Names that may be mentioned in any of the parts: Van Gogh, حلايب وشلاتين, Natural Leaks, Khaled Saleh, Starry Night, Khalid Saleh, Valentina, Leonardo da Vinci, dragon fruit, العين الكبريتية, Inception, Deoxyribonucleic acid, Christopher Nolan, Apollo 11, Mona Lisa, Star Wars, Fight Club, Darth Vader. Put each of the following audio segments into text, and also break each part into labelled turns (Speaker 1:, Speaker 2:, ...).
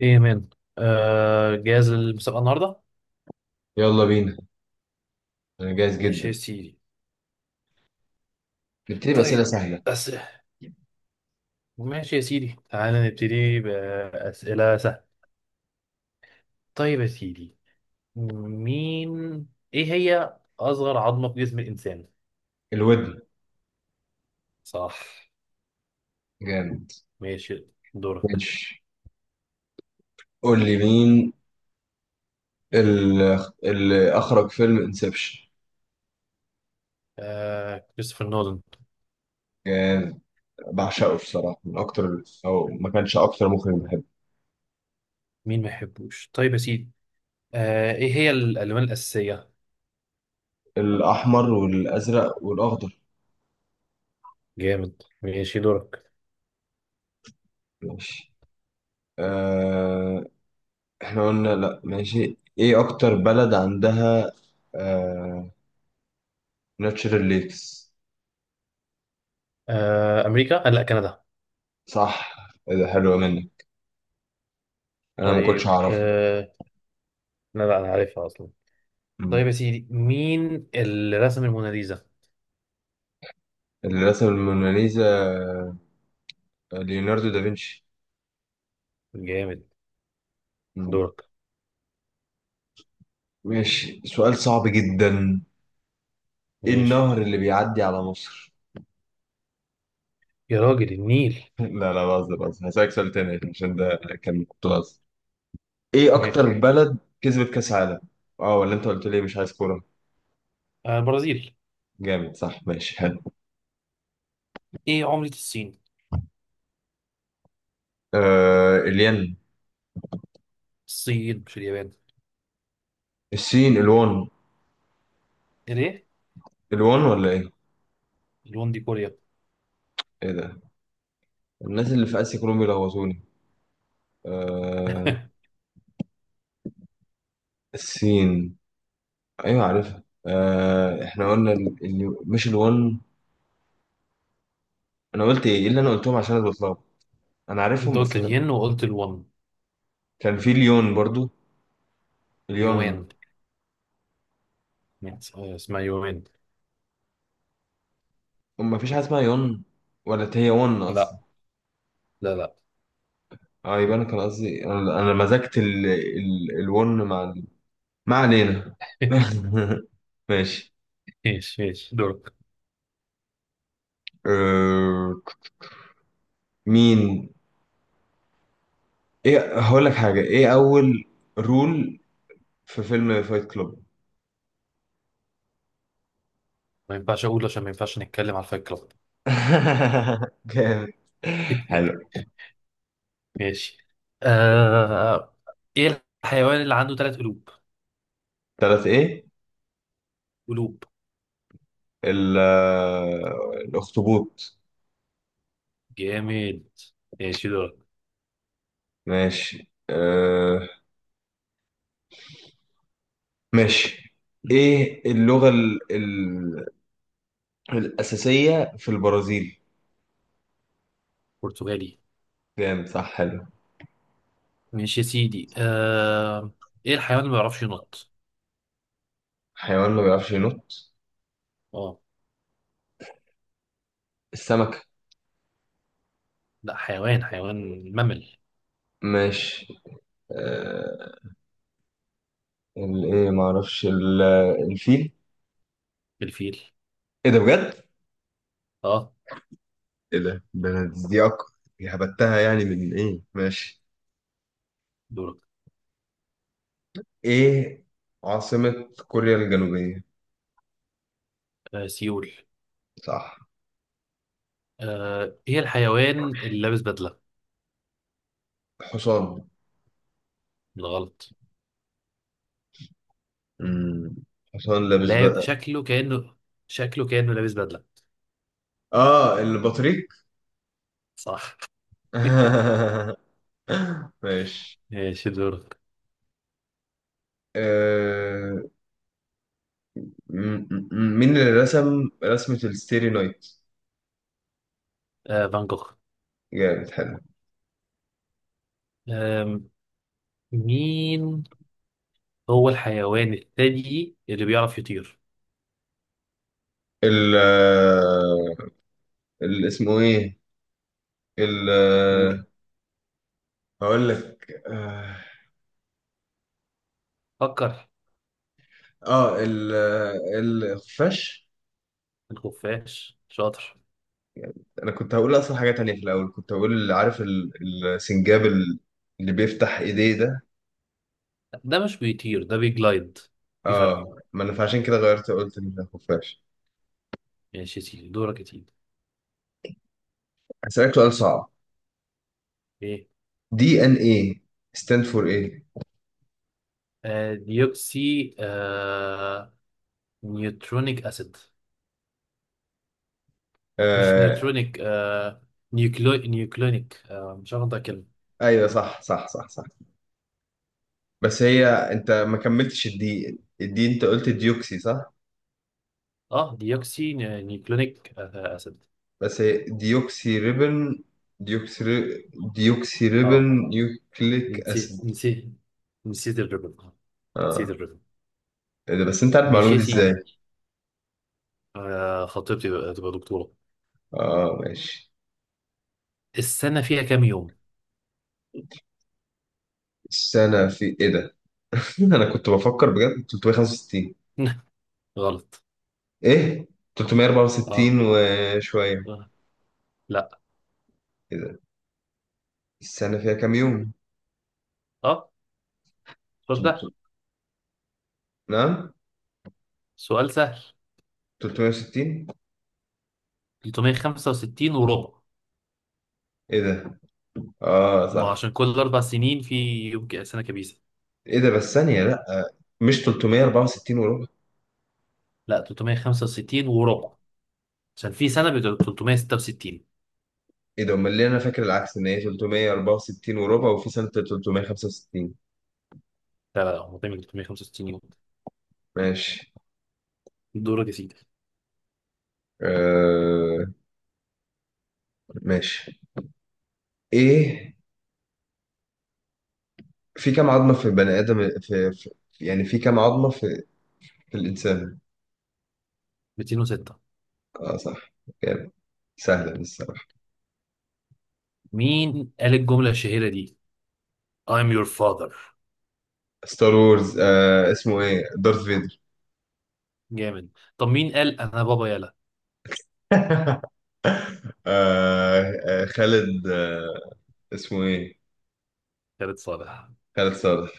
Speaker 1: ايه يا مان. جاهز للمسابقة النهاردة؟
Speaker 2: يلا بينا. انا جاهز
Speaker 1: ماشي يا
Speaker 2: جدا.
Speaker 1: سيدي.
Speaker 2: نبتدي بأسئلة
Speaker 1: طيب.
Speaker 2: سهلة.
Speaker 1: بس. ماشي يا سيدي، تعالى نبتدي بأسئلة سهلة. طيب يا سيدي. مين ايه هي أصغر عظمة في جسم الإنسان؟
Speaker 2: الودن.
Speaker 1: صح.
Speaker 2: جامد.
Speaker 1: ماشي. دورك.
Speaker 2: ماشي، قول لي مين ال- اللي اخرج فيلم انسبشن.
Speaker 1: كريستوفر نولان.
Speaker 2: جامد. بعشقه بصراحة، من اكتر، او ما كانش اكتر مخرج بحبه.
Speaker 1: مين ما يحبوش؟ طيب يا سيدي. ايه هي الألوان الأساسية؟
Speaker 2: الاحمر والازرق والاخضر.
Speaker 1: جامد. ماشي دورك.
Speaker 2: ماشي. آه... احنا قلنا، لا ماشي، ايه اكتر بلد عندها آه... ناتشرال ليكس.
Speaker 1: أمريكا؟ لا، كندا.
Speaker 2: صح. إيه ده؟ حلو منك، انا ما كنتش
Speaker 1: طيب.
Speaker 2: اعرفه.
Speaker 1: لا لا، أنا عارفها أصلا.
Speaker 2: مم.
Speaker 1: طيب يا سيدي، مين اللي رسم الموناليزا؟
Speaker 2: اللي رسم الموناليزا ليوناردو دافنشي.
Speaker 1: جامد.
Speaker 2: مم.
Speaker 1: دورك.
Speaker 2: ماشي، سؤال صعب جدا. ايه
Speaker 1: ماشي.
Speaker 2: النهر اللي بيعدي على مصر؟
Speaker 1: يا راجل، النيل.
Speaker 2: لا لا، بهزر بهزر، هسألك سؤال تاني عشان ده كنت بهزر. ايه
Speaker 1: ماشي.
Speaker 2: اكتر بلد كسبت كاس عالم؟ اه، ولا انت قلت لي مش عايز كورة.
Speaker 1: البرازيل.
Speaker 2: جامد، صح. ماشي، حلو.
Speaker 1: ايه عملة الصين؟
Speaker 2: الين.
Speaker 1: الصين مش اليابان.
Speaker 2: الصين الوان.
Speaker 1: ليه؟
Speaker 2: الوان ولا ايه؟
Speaker 1: الون دي كوريا.
Speaker 2: ايه ده؟ الناس اللي في اسيا كلهم بيلخبطوني. آه الصين، ايوه عارفها. احنا قلنا مش الوان. انا قلت ايه؟ إيه اللي انا قلتهم؟ عشان أنا بتلخبط. انا
Speaker 1: انت
Speaker 2: عارفهم بس
Speaker 1: قلت
Speaker 2: أنا...
Speaker 1: الين وقلت الون.
Speaker 2: كان في ليون برضو. ليون.
Speaker 1: يوان. اسمها يوان.
Speaker 2: ما فيش حاجه اسمها يون، ولا هي ون اصلا.
Speaker 1: لا لا لا.
Speaker 2: اه، يبقى انا كان قصدي، أنا مزجت الون مع ما علينا. ماشي.
Speaker 1: ماشي ماشي، دورك.
Speaker 2: أه... مين ايه، هقول لك حاجه، ايه اول رول في فيلم فايت كلوب؟
Speaker 1: ما ينفعش اقول، عشان ما ينفعش نتكلم على الفايت كلاب.
Speaker 2: جامد، حلو.
Speaker 1: ماشي. آه... ايه الحيوان اللي عنده ثلاث قلوب؟
Speaker 2: ثلاث ايه؟
Speaker 1: قلوب.
Speaker 2: ال... آه، الاخطبوط.
Speaker 1: جامد. ماشي دورك.
Speaker 2: ماشي. ماشي. ايه اللغة الأساسية في البرازيل؟
Speaker 1: برتغالي.
Speaker 2: جامد، صح. حلو.
Speaker 1: ماشي يا سيدي. ايه الحيوان اللي ما بيعرفش ينط؟
Speaker 2: حيوان ما بيعرفش ينط؟
Speaker 1: اه.
Speaker 2: السمك.
Speaker 1: لا، حيوان حيوان ممل.
Speaker 2: ماشي. آه... الايه؟ ما اعرفش الفيل.
Speaker 1: الفيل.
Speaker 2: ايه ده بجد؟
Speaker 1: اه.
Speaker 2: ايه ده؟ ده انا دي دي هبتها يعني من ايه؟ ماشي.
Speaker 1: دورك.
Speaker 2: ايه عاصمة كوريا الجنوبية؟
Speaker 1: سيول.
Speaker 2: صح.
Speaker 1: ايه الحيوان اللي لابس بدلة؟
Speaker 2: حصان.
Speaker 1: بالغلط.
Speaker 2: مم. حصان لابس
Speaker 1: لا،
Speaker 2: بقى.
Speaker 1: شكله كأنه لابس بدلة.
Speaker 2: اه، البطريق.
Speaker 1: صح.
Speaker 2: ماشي.
Speaker 1: ماشي دورك.
Speaker 2: آه... مين اللي رسم رسمة الستيري نايت؟
Speaker 1: فان جوخ.
Speaker 2: جامد، حلو.
Speaker 1: آه... مين هو الحيوان الثدي اللي بيعرف يطير؟
Speaker 2: ال آه، اسمه ايه؟ ال
Speaker 1: قول.
Speaker 2: آه، هقول لك. اه
Speaker 1: فكر.
Speaker 2: آه، ال آه، الخفاش.
Speaker 1: الخفاش. شاطر.
Speaker 2: انا كنت هقول اصلا حاجة تانية في الاول، كنت هقول عارف السنجاب اللي بيفتح ايديه ده.
Speaker 1: ده مش بيطير، ده بيجلايد. في فرق.
Speaker 2: اه، ما انا فعشان كده غيرت، قلت إن ده خفاش.
Speaker 1: ماشي يا سيدي، دورك يا سيدي.
Speaker 2: هسألك سؤال صعب.
Speaker 1: ايه.
Speaker 2: DNA stand for ايه؟
Speaker 1: ديوكسي نيوترونيك اسيد. مش
Speaker 2: آه
Speaker 1: نيوترونيك نيوكلونيك مش هاخد كلمة.
Speaker 2: ايوه، صح، صح، صح، صح. بس هي، انت ما كملتش الدي، انت قلت ديوكسي صح.
Speaker 1: اه ديوكسي نيوكلونيك اسيد.
Speaker 2: بس هي ديوكسي ريبن، ديوكسي ري... ديوكسي
Speaker 1: اه،
Speaker 2: ريبن يوكليك اسيد.
Speaker 1: نسيت. نسيت الريبن. نسيت
Speaker 2: اه،
Speaker 1: الريبن.
Speaker 2: ايه ده؟ بس انت عارف
Speaker 1: ماشي
Speaker 2: المعلومه
Speaker 1: يا
Speaker 2: دي ازاي؟
Speaker 1: سيدي. تبقى دكتورة.
Speaker 2: اه، ماشي.
Speaker 1: السنة فيها كام يوم؟
Speaker 2: السنه في ايه ده؟ انا كنت بفكر بجد. 365.
Speaker 1: غلط.
Speaker 2: ايه،
Speaker 1: اه،
Speaker 2: 364 وشويه.
Speaker 1: آه، لا،
Speaker 2: ايه ده؟ السنه فيها كام يوم؟
Speaker 1: اه سؤال سهل،
Speaker 2: تلت... نعم.
Speaker 1: سؤال سهل
Speaker 2: 360.
Speaker 1: 365 وربع.
Speaker 2: ايه ده؟ اه،
Speaker 1: ما هو
Speaker 2: صح.
Speaker 1: عشان كل اربع سنين في يوم، سنه كبيسه.
Speaker 2: ايه ده؟ بس ثانيه، لا، مش 364.
Speaker 1: لا، 365 وربع، عشان في سنه بتبقى 366.
Speaker 2: ايه ده؟ امال ليه انا فاكر العكس ان هي 364 وربع وفي سنة 365؟
Speaker 1: لا لا لا، هو دايما 365 يوم.
Speaker 2: ماشي.
Speaker 1: دورك يا سيدي.
Speaker 2: آه ماشي. ايه، في كام عظمة في البني ادم، في يعني، في كام عظمة في الانسان؟
Speaker 1: 206.
Speaker 2: اه، صح. جامد. سهلة دي الصراحة.
Speaker 1: مين قال الجمله الشهيره دي I'm your father؟
Speaker 2: ستار وورز. اسمه ايه؟ دارث فيدر.
Speaker 1: جامد. طب مين قال انا بابا يلا؟
Speaker 2: خالد. اسمه ايه؟
Speaker 1: خالد صالح.
Speaker 2: خالد صالح.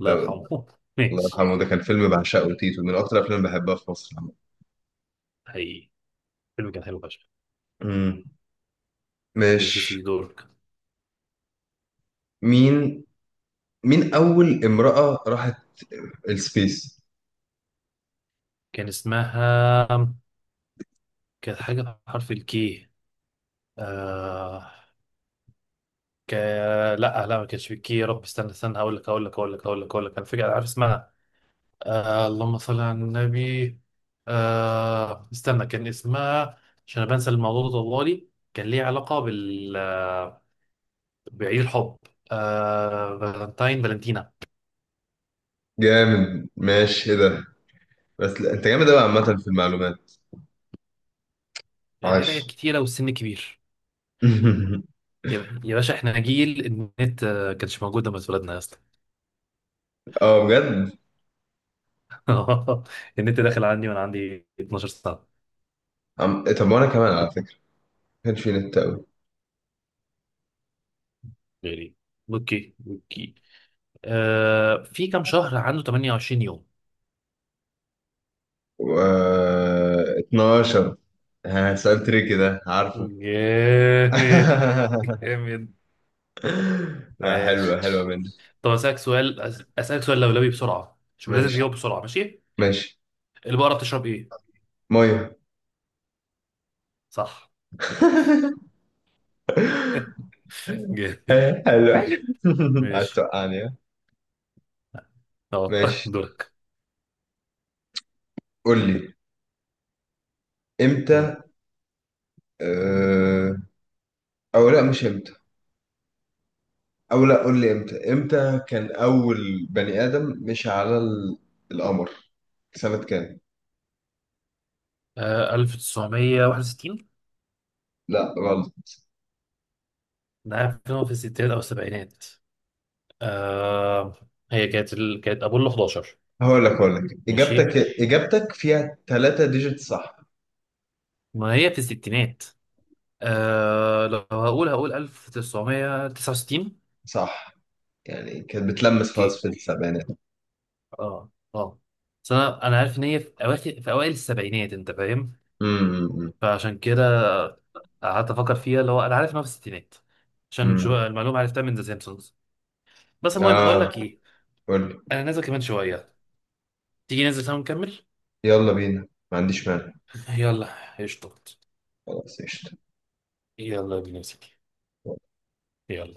Speaker 1: الله
Speaker 2: لو
Speaker 1: يرحمه.
Speaker 2: الله
Speaker 1: ماشي.
Speaker 2: يرحمه. ده كان فيلم بعشقه، تيتو، من اكتر افلام بحبها في مصر عامة.
Speaker 1: حقيقي، الفيلم كان حلو فشخ.
Speaker 2: امم
Speaker 1: ماشي يا
Speaker 2: ماشي.
Speaker 1: سيدي، دورك.
Speaker 2: مين مين أول امرأة راحت السبيس؟
Speaker 1: كان اسمها كانت حاجه بحرف الكي. آه... ك... لا لا، ما كانش في كي. يا رب، استنى، هقول لك، انا فاكر، عارف اسمها. اللهم صل على النبي. استنى، كان اسمها، عشان أنا بنسى الموضوع ده طوالي. كان ليه علاقة بال بعيد الحب. فالنتينا.
Speaker 2: جامد. ماشي. إيه ده؟ بس لا، أنت جامد أوي عامة في المعلومات. عاش.
Speaker 1: القراية كتيرة والسن كبير. يا باشا، احنا جيل النت، كانش موجود لما اتولدنا يا اسطى.
Speaker 2: بجد.
Speaker 1: النت داخل عندي وانا عندي 12 سنة
Speaker 2: طب، وأنا كمان على فكرة ما كانش في نت أوي.
Speaker 1: يعني. اوكي اوكي. في كام شهر عنده 28 يوم؟
Speaker 2: و... 12. ها، سؤال تريكي ده عارفه.
Speaker 1: جامد جامد.
Speaker 2: لا،
Speaker 1: عاش.
Speaker 2: حلوة حلوة مني.
Speaker 1: طب اسالك سؤال لولبي بسرعه، شوف لازم
Speaker 2: ماشي،
Speaker 1: تجاوب بسرعه. ماشي.
Speaker 2: ماشي.
Speaker 1: البقره بتشرب ايه؟
Speaker 2: مية.
Speaker 1: صح. جامد.
Speaker 2: حلو. عايز
Speaker 1: ماشي.
Speaker 2: توقعني، ها؟
Speaker 1: اه.
Speaker 2: ماشي.
Speaker 1: دورك.
Speaker 2: قول لي امتى اه... او لا، مش امتى، او لا قول لي امتى كان اول بني ادم مشي على القمر سنة كام؟
Speaker 1: 1961.
Speaker 2: لا، غلط.
Speaker 1: ده فيلم في الستينات او السبعينات. آه كانت ابولو 11.
Speaker 2: هقول لك،
Speaker 1: ماشي.
Speaker 2: اجابتك فيها ثلاثة ديجيت، صح؟
Speaker 1: ما هي في الستينات. لو هقول، 1969.
Speaker 2: صح، يعني كانت بتلمس خلاص
Speaker 1: اوكي.
Speaker 2: في السبعينات.
Speaker 1: اه اه. بس انا عارف ان هي في اوائل السبعينات، انت فاهم.
Speaker 2: امم، امم، إمم،
Speaker 1: فعشان كده قعدت افكر فيها، اللي هو انا عارف ان هو في الستينات، عشان
Speaker 2: إمم.
Speaker 1: شو المعلومه عرفتها من ذا سيمبسونز. بس المهم بقول
Speaker 2: اه،
Speaker 1: لك ايه،
Speaker 2: قول لي.
Speaker 1: انا نازل كمان شويه، تيجي ننزل سوا نكمل؟
Speaker 2: يلا بينا، ما عنديش مانع.
Speaker 1: يلا قشطة.
Speaker 2: خلاص، قشطة.
Speaker 1: يلا بينا يا سيدي. يلا